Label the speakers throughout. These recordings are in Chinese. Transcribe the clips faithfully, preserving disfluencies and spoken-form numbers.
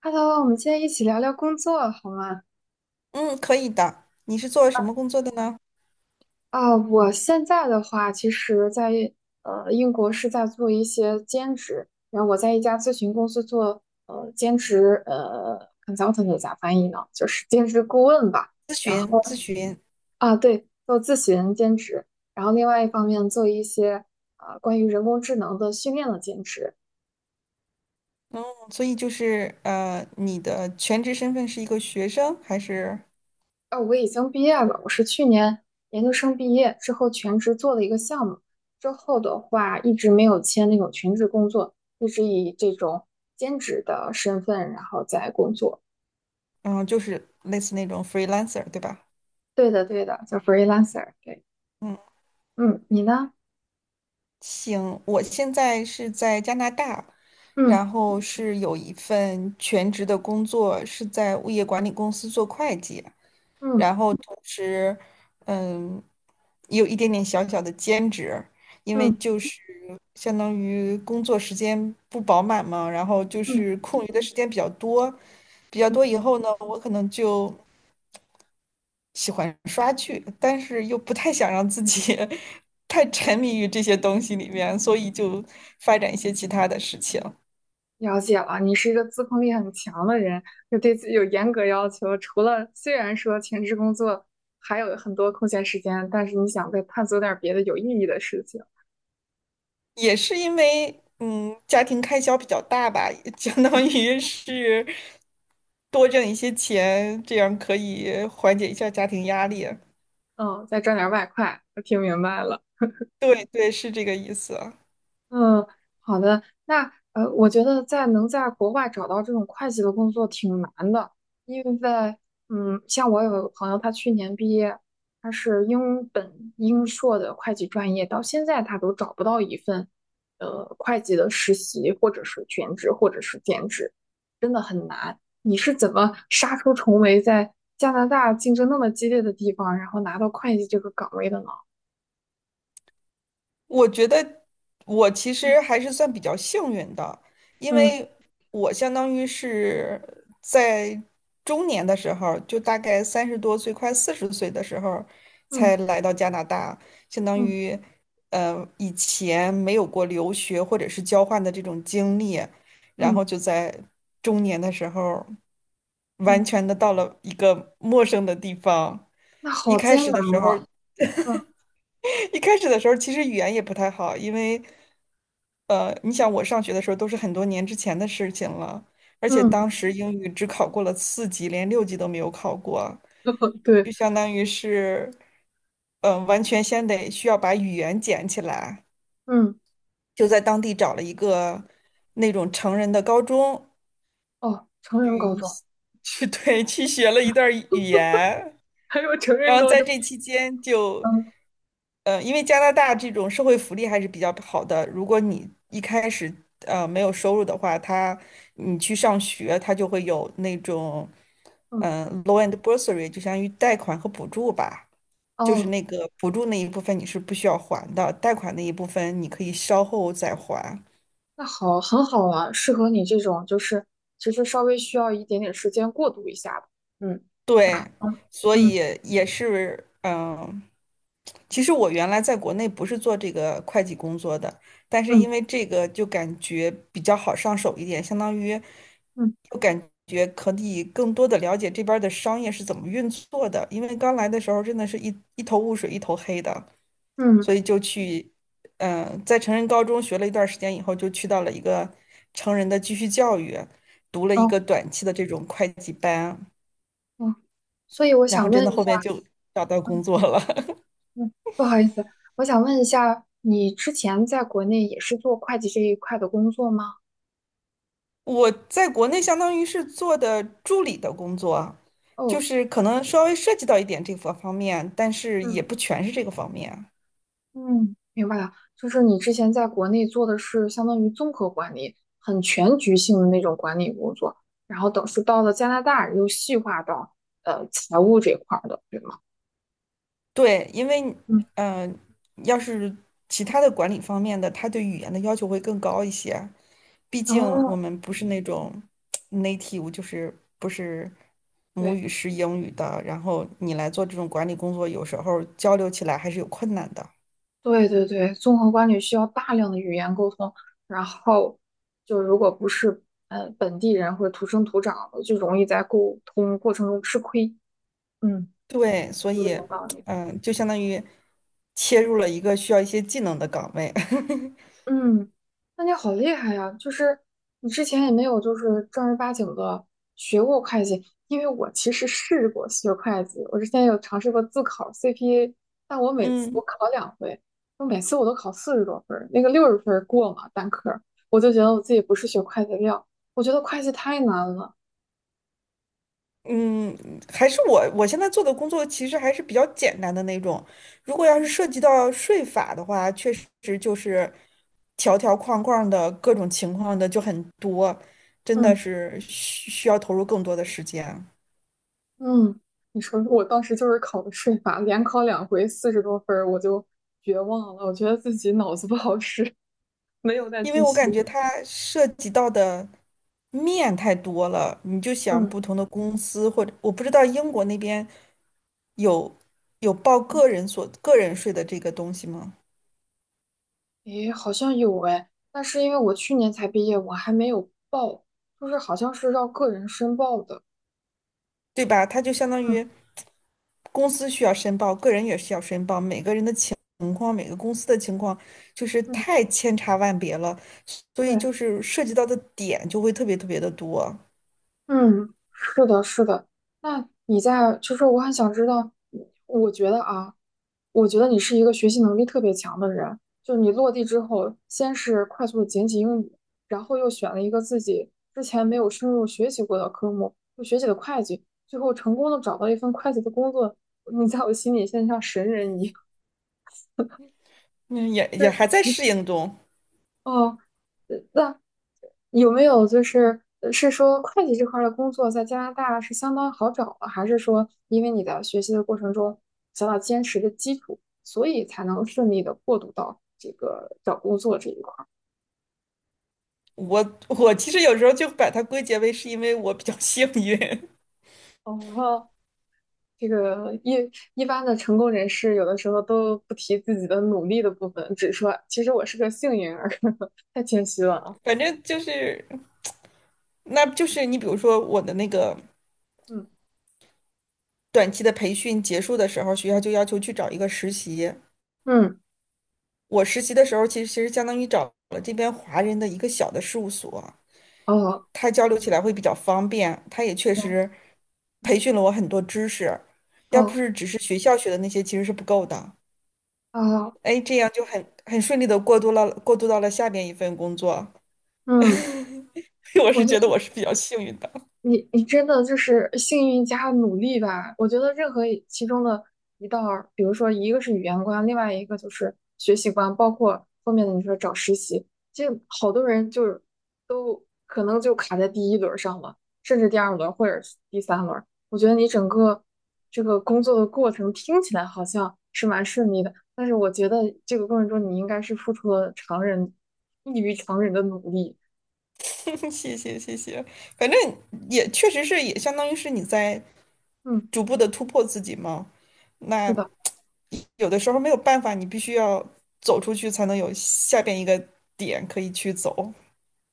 Speaker 1: Hello，我们今天一起聊聊工作好吗？
Speaker 2: 嗯，可以的。你是做什么工作的呢？
Speaker 1: 啊，我现在的话，其实在，呃英国是在做一些兼职，然后我在一家咨询公司做呃兼职，呃 consultant 咋翻译呢？就是兼职顾问吧。
Speaker 2: 咨询，咨询。
Speaker 1: 啊，对，做咨询兼职，然后另外一方面做一些呃关于人工智能的训练的兼职。
Speaker 2: 嗯，所以就是呃，你的全职身份是一个学生，还是
Speaker 1: 呃，我已经毕业了，我是去年研究生毕业之后全职做了一个项目，之后的话一直没有签那种全职工作，一直以这种兼职的身份然后在工作。
Speaker 2: 嗯，就是类似那种 freelancer，对吧？
Speaker 1: 对的，对的，叫 freelancer。对，
Speaker 2: 嗯，
Speaker 1: 嗯，你呢？
Speaker 2: 行，我现在是在加拿大，
Speaker 1: 嗯
Speaker 2: 然后是有一份全职的工作，是在物业管理公司做会计。
Speaker 1: 嗯
Speaker 2: 然后同时，嗯，也有一点点小小的兼职，因为
Speaker 1: 嗯
Speaker 2: 就是相当于工作时间不饱满嘛，然后就
Speaker 1: 嗯
Speaker 2: 是空余的时间比较多，比较
Speaker 1: 嗯，
Speaker 2: 多以后呢，我可能就喜欢刷剧，但是又不太想让自己 太沉迷于这些东西里面，所以就发展一些其他的事情。
Speaker 1: 了解了，你是一个自控力很强的人，就对自己有严格要求。除了虽然说全职工作还有很多空闲时间，但是你想再探索点儿别的有意义的事情。
Speaker 2: 也是因为嗯家庭开销比较大吧，相
Speaker 1: 嗯
Speaker 2: 当于是多挣一些钱，这样可以缓解一下家庭压力。
Speaker 1: 嗯，再赚点外快，我听明白了。
Speaker 2: 对对，是这个意思。
Speaker 1: 嗯，好的。那呃，我觉得在能在国外找到这种会计的工作挺难的，因为嗯，像我有个朋友，他去年毕业，他是英本英硕的会计专业，到现在他都找不到一份呃会计的实习，或者是全职，或者是兼职。你是怎么杀出重围，在加拿大竞争那么激烈的地方，然后拿到会计这个岗位的呢？
Speaker 2: 我觉得我其实还是算比较幸运的，因为
Speaker 1: 嗯
Speaker 2: 我相当于是在中年的时候，就大概三十多岁，快四十岁的时候
Speaker 1: 嗯
Speaker 2: 才来到加拿大，相当
Speaker 1: 嗯
Speaker 2: 于呃以前没有过留学或者是交换的这种经历，然
Speaker 1: 嗯。
Speaker 2: 后就在中年的时候
Speaker 1: 嗯，
Speaker 2: 完全的到了一个陌生的地方。
Speaker 1: 那
Speaker 2: 一
Speaker 1: 好
Speaker 2: 开
Speaker 1: 艰
Speaker 2: 始
Speaker 1: 难
Speaker 2: 的时候
Speaker 1: 啊。嗯
Speaker 2: 一开始的时候其实语言也不太好，因为呃，你想我上学的时候都是很多年之前的事情了，而且
Speaker 1: 嗯，
Speaker 2: 当时英语只考过了四级，连六级都没有考过，就
Speaker 1: 对，
Speaker 2: 相当于是，嗯、呃完全先得需要把语言捡起来，
Speaker 1: 嗯，
Speaker 2: 就在当地找了一个那种成人的高中，
Speaker 1: 哦，成人高中，
Speaker 2: 去 对去学了一段儿语言，
Speaker 1: 还有成人
Speaker 2: 然后
Speaker 1: 高
Speaker 2: 在
Speaker 1: 中，
Speaker 2: 这期间就，
Speaker 1: 嗯
Speaker 2: 呃，因为加拿大这种社会福利还是比较好的，如果你一开始呃没有收入的话，他你去上学，他就会有那种
Speaker 1: 嗯，
Speaker 2: 嗯、呃 loan and bursary，就相当于贷款和补助吧，就是
Speaker 1: 哦，
Speaker 2: 那个补助那一部分你是不需要还的，贷款那一部分你可以稍后再还。
Speaker 1: 那好，很好啊，适合你这种，就是其实稍微需要一点点时间过渡一下的。嗯，啊，
Speaker 2: 对，所
Speaker 1: 嗯
Speaker 2: 以也是嗯。其实我原来在国内不是做这个会计工作的，但是因为
Speaker 1: 嗯
Speaker 2: 这个就感觉比较好上手一点，相当于
Speaker 1: 嗯
Speaker 2: 就感觉可以更多的了解这边儿的商业是怎么运作的。因为刚来的时候真的是一一头雾水，一头黑的，
Speaker 1: 嗯，
Speaker 2: 所以就去，嗯、在成人高中学了一段时间以后，就去到了一个成人的继续教育，读了一个
Speaker 1: 哦
Speaker 2: 短期的这种会计班，
Speaker 1: 哦，嗯所以我
Speaker 2: 然后
Speaker 1: 想
Speaker 2: 真的
Speaker 1: 问一下，
Speaker 2: 后面就找到工
Speaker 1: 嗯
Speaker 2: 作了。
Speaker 1: 嗯，不好意思，我想问一下，你之前在国内也是做会计这一块的工作吗？
Speaker 2: 我在国内相当于是做的助理的工作，就
Speaker 1: 哦，
Speaker 2: 是可能稍微涉及到一点这个方面，但是也不
Speaker 1: 嗯。
Speaker 2: 全是这个方面。
Speaker 1: 嗯，明白了，就是你之前在国内做的是相当于综合管理，很全局性的那种管理工作，然后等是到了加拿大又细化到呃财务这块儿的，对吗？
Speaker 2: 对，因为
Speaker 1: 嗯，
Speaker 2: 嗯，要是其他的管理方面的，他对语言的要求会更高一些。毕竟我
Speaker 1: 哦，
Speaker 2: 们不是那种 native，就是不是母
Speaker 1: 对
Speaker 2: 语是英语的，然后你来做这种管理工作，有时候交流起来还是有困难的。
Speaker 1: 对对对，综合管理需要大量的语言沟通，然后就如果不是呃本地人或者土生土长的，就容易在沟通过程中吃亏。嗯，
Speaker 2: 对，所
Speaker 1: 说的
Speaker 2: 以，
Speaker 1: 有道理。
Speaker 2: 嗯，就相当于切入了一个需要一些技能的岗位。
Speaker 1: 嗯，那你好厉害呀！就是你之前也没有就是正儿八经的学过会计，因为我其实试过学会计，我之前有尝试过自考 C P A，但我每次我
Speaker 2: 嗯
Speaker 1: 考两回，我每次我都考四十多分儿那个六十分儿过嘛单科儿我就觉得我自己不是学会计的料，我觉得会计太难了。
Speaker 2: 嗯，还是我我现在做的工作其实还是比较简单的那种。如果要是涉及到税法的话，确实就是条条框框的各种情况的就很多，真的
Speaker 1: 嗯
Speaker 2: 是需需要投入更多的时间，
Speaker 1: 嗯，你说我当时就是考的税法，连考两回四十多分儿我就绝望了，我觉得自己脑子不好使，没有再
Speaker 2: 因为
Speaker 1: 继
Speaker 2: 我
Speaker 1: 续
Speaker 2: 感觉
Speaker 1: 了。
Speaker 2: 它涉及到的面太多了。你就想
Speaker 1: 嗯，
Speaker 2: 不同的公司，或者我不知道英国那边有有报
Speaker 1: 嗯
Speaker 2: 个人所个人税的这个东西吗？
Speaker 1: 诶，好像有诶，但是因为我去年才毕业，我还没有报，就是好像是要个人申报的。
Speaker 2: 对吧？它就相当
Speaker 1: 嗯
Speaker 2: 于公司需要申报，个人也需要申报，每个人的情况，每个公司的情况就是
Speaker 1: 嗯，
Speaker 2: 太千差万别了，所以
Speaker 1: 对，
Speaker 2: 就是涉及到的点就会特别特别的多。
Speaker 1: 嗯，是的，是的。那你在，就是我很想知道，我觉得啊，我觉得你是一个学习能力特别强的人，就你落地之后，先是快速的捡起英语，然后又选了一个自己之前没有深入学习过的科目，就学习的会计，最后成功的找到一份会计的工作。你在我心里像像神人一样。
Speaker 2: 嗯，也也还在
Speaker 1: 是
Speaker 2: 适应中。
Speaker 1: 哦，呃那有没有就是呃是说会计这块儿的工作在加拿大是相当好找吗？还是说因为你在学习的过程中想要坚实的基础，所以才能顺利的过渡到这个找工作这一块儿？
Speaker 2: 我我其实有时候就把它归结为是因为我比较幸运，
Speaker 1: 哦，这个一一般的成功人士有的时候都不提自己的努力的部分，只说其实我是个幸运儿，太谦虚了啊。
Speaker 2: 反正就是，那就是你比如说我的那个
Speaker 1: 嗯
Speaker 2: 短期的培训结束的时候，学校就要求去找一个实习。
Speaker 1: 嗯，
Speaker 2: 我实习的时候，其实其实相当于找了这边华人的一个小的事务所，
Speaker 1: 哦，
Speaker 2: 他交流起来会比较方便。他也确
Speaker 1: 对，
Speaker 2: 实培训了我很多知识，要不
Speaker 1: 哦
Speaker 2: 是只是学校学的那些，其实是不够的。
Speaker 1: 哦，
Speaker 2: 哎，这样就很很顺利的过渡了，过渡到了下边一份工作。
Speaker 1: 嗯。
Speaker 2: 我
Speaker 1: 我
Speaker 2: 是
Speaker 1: 就。
Speaker 2: 觉得我是比较幸运的，
Speaker 1: 你你真的就是幸运加努力吧？我觉得任何一其中的一道儿，比如说一个是语言关，另外一个就是学习关，包括后面的你说找实习，这好多人就是都可能就卡在第一轮儿上了，甚至第二轮儿或者是第三轮儿。我觉得你整个这个工作的过程听起来好像是蛮顺利的，但是我觉得这个过程中你应该是付出了常人异于常人的努力。
Speaker 2: 谢谢谢谢。反正也确实是也相当于是你在
Speaker 1: 嗯，
Speaker 2: 逐步的突破自己嘛。
Speaker 1: 是
Speaker 2: 那
Speaker 1: 的。
Speaker 2: 有的时候没有办法，你必须要走出去才能有下边一个点可以去走。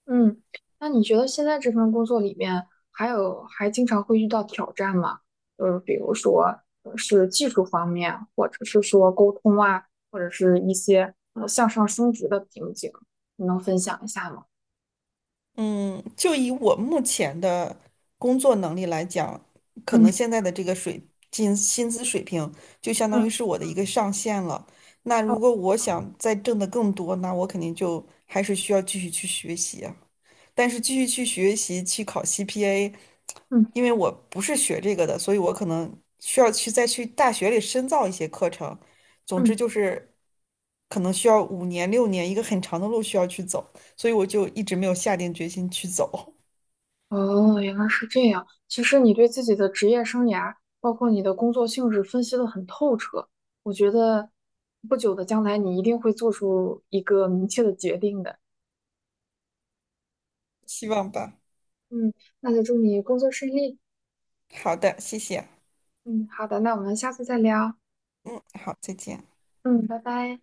Speaker 1: 嗯，那你觉得现在这份工作里面还有还经常会遇到挑战吗？就是比如说呃是技术方面，或者是说沟通啊，或者是一些呃向上升职的瓶颈，你能分享一下吗？
Speaker 2: 就以我目前的工作能力来讲，可能
Speaker 1: 嗯
Speaker 2: 现在的这个水薪薪资水平就相当于
Speaker 1: 嗯
Speaker 2: 是我的一个上限了。那如
Speaker 1: 哦
Speaker 2: 果我想再挣得更多，那我肯定就还是需要继续去学习啊。但是继续去学习去考 C P A，
Speaker 1: 嗯
Speaker 2: 因为我不是学这个的，所以我可能需要去再去大学里深造一些课程。总之
Speaker 1: 嗯
Speaker 2: 就是可能需要五年六年，一个很长的路需要去走，所以我就一直没有下定决心去走，
Speaker 1: 哦，原来是这样。其实你对自己的职业生涯，包括你的工作性质分析的很透彻，我觉得不久的将来你一定会做出一个明确的决定的。
Speaker 2: 希望吧。
Speaker 1: 嗯，那就祝你工作顺利。
Speaker 2: 好的，谢谢。
Speaker 1: 嗯，好的，那我们下次再聊。
Speaker 2: 嗯，好，再见。
Speaker 1: 嗯，拜拜。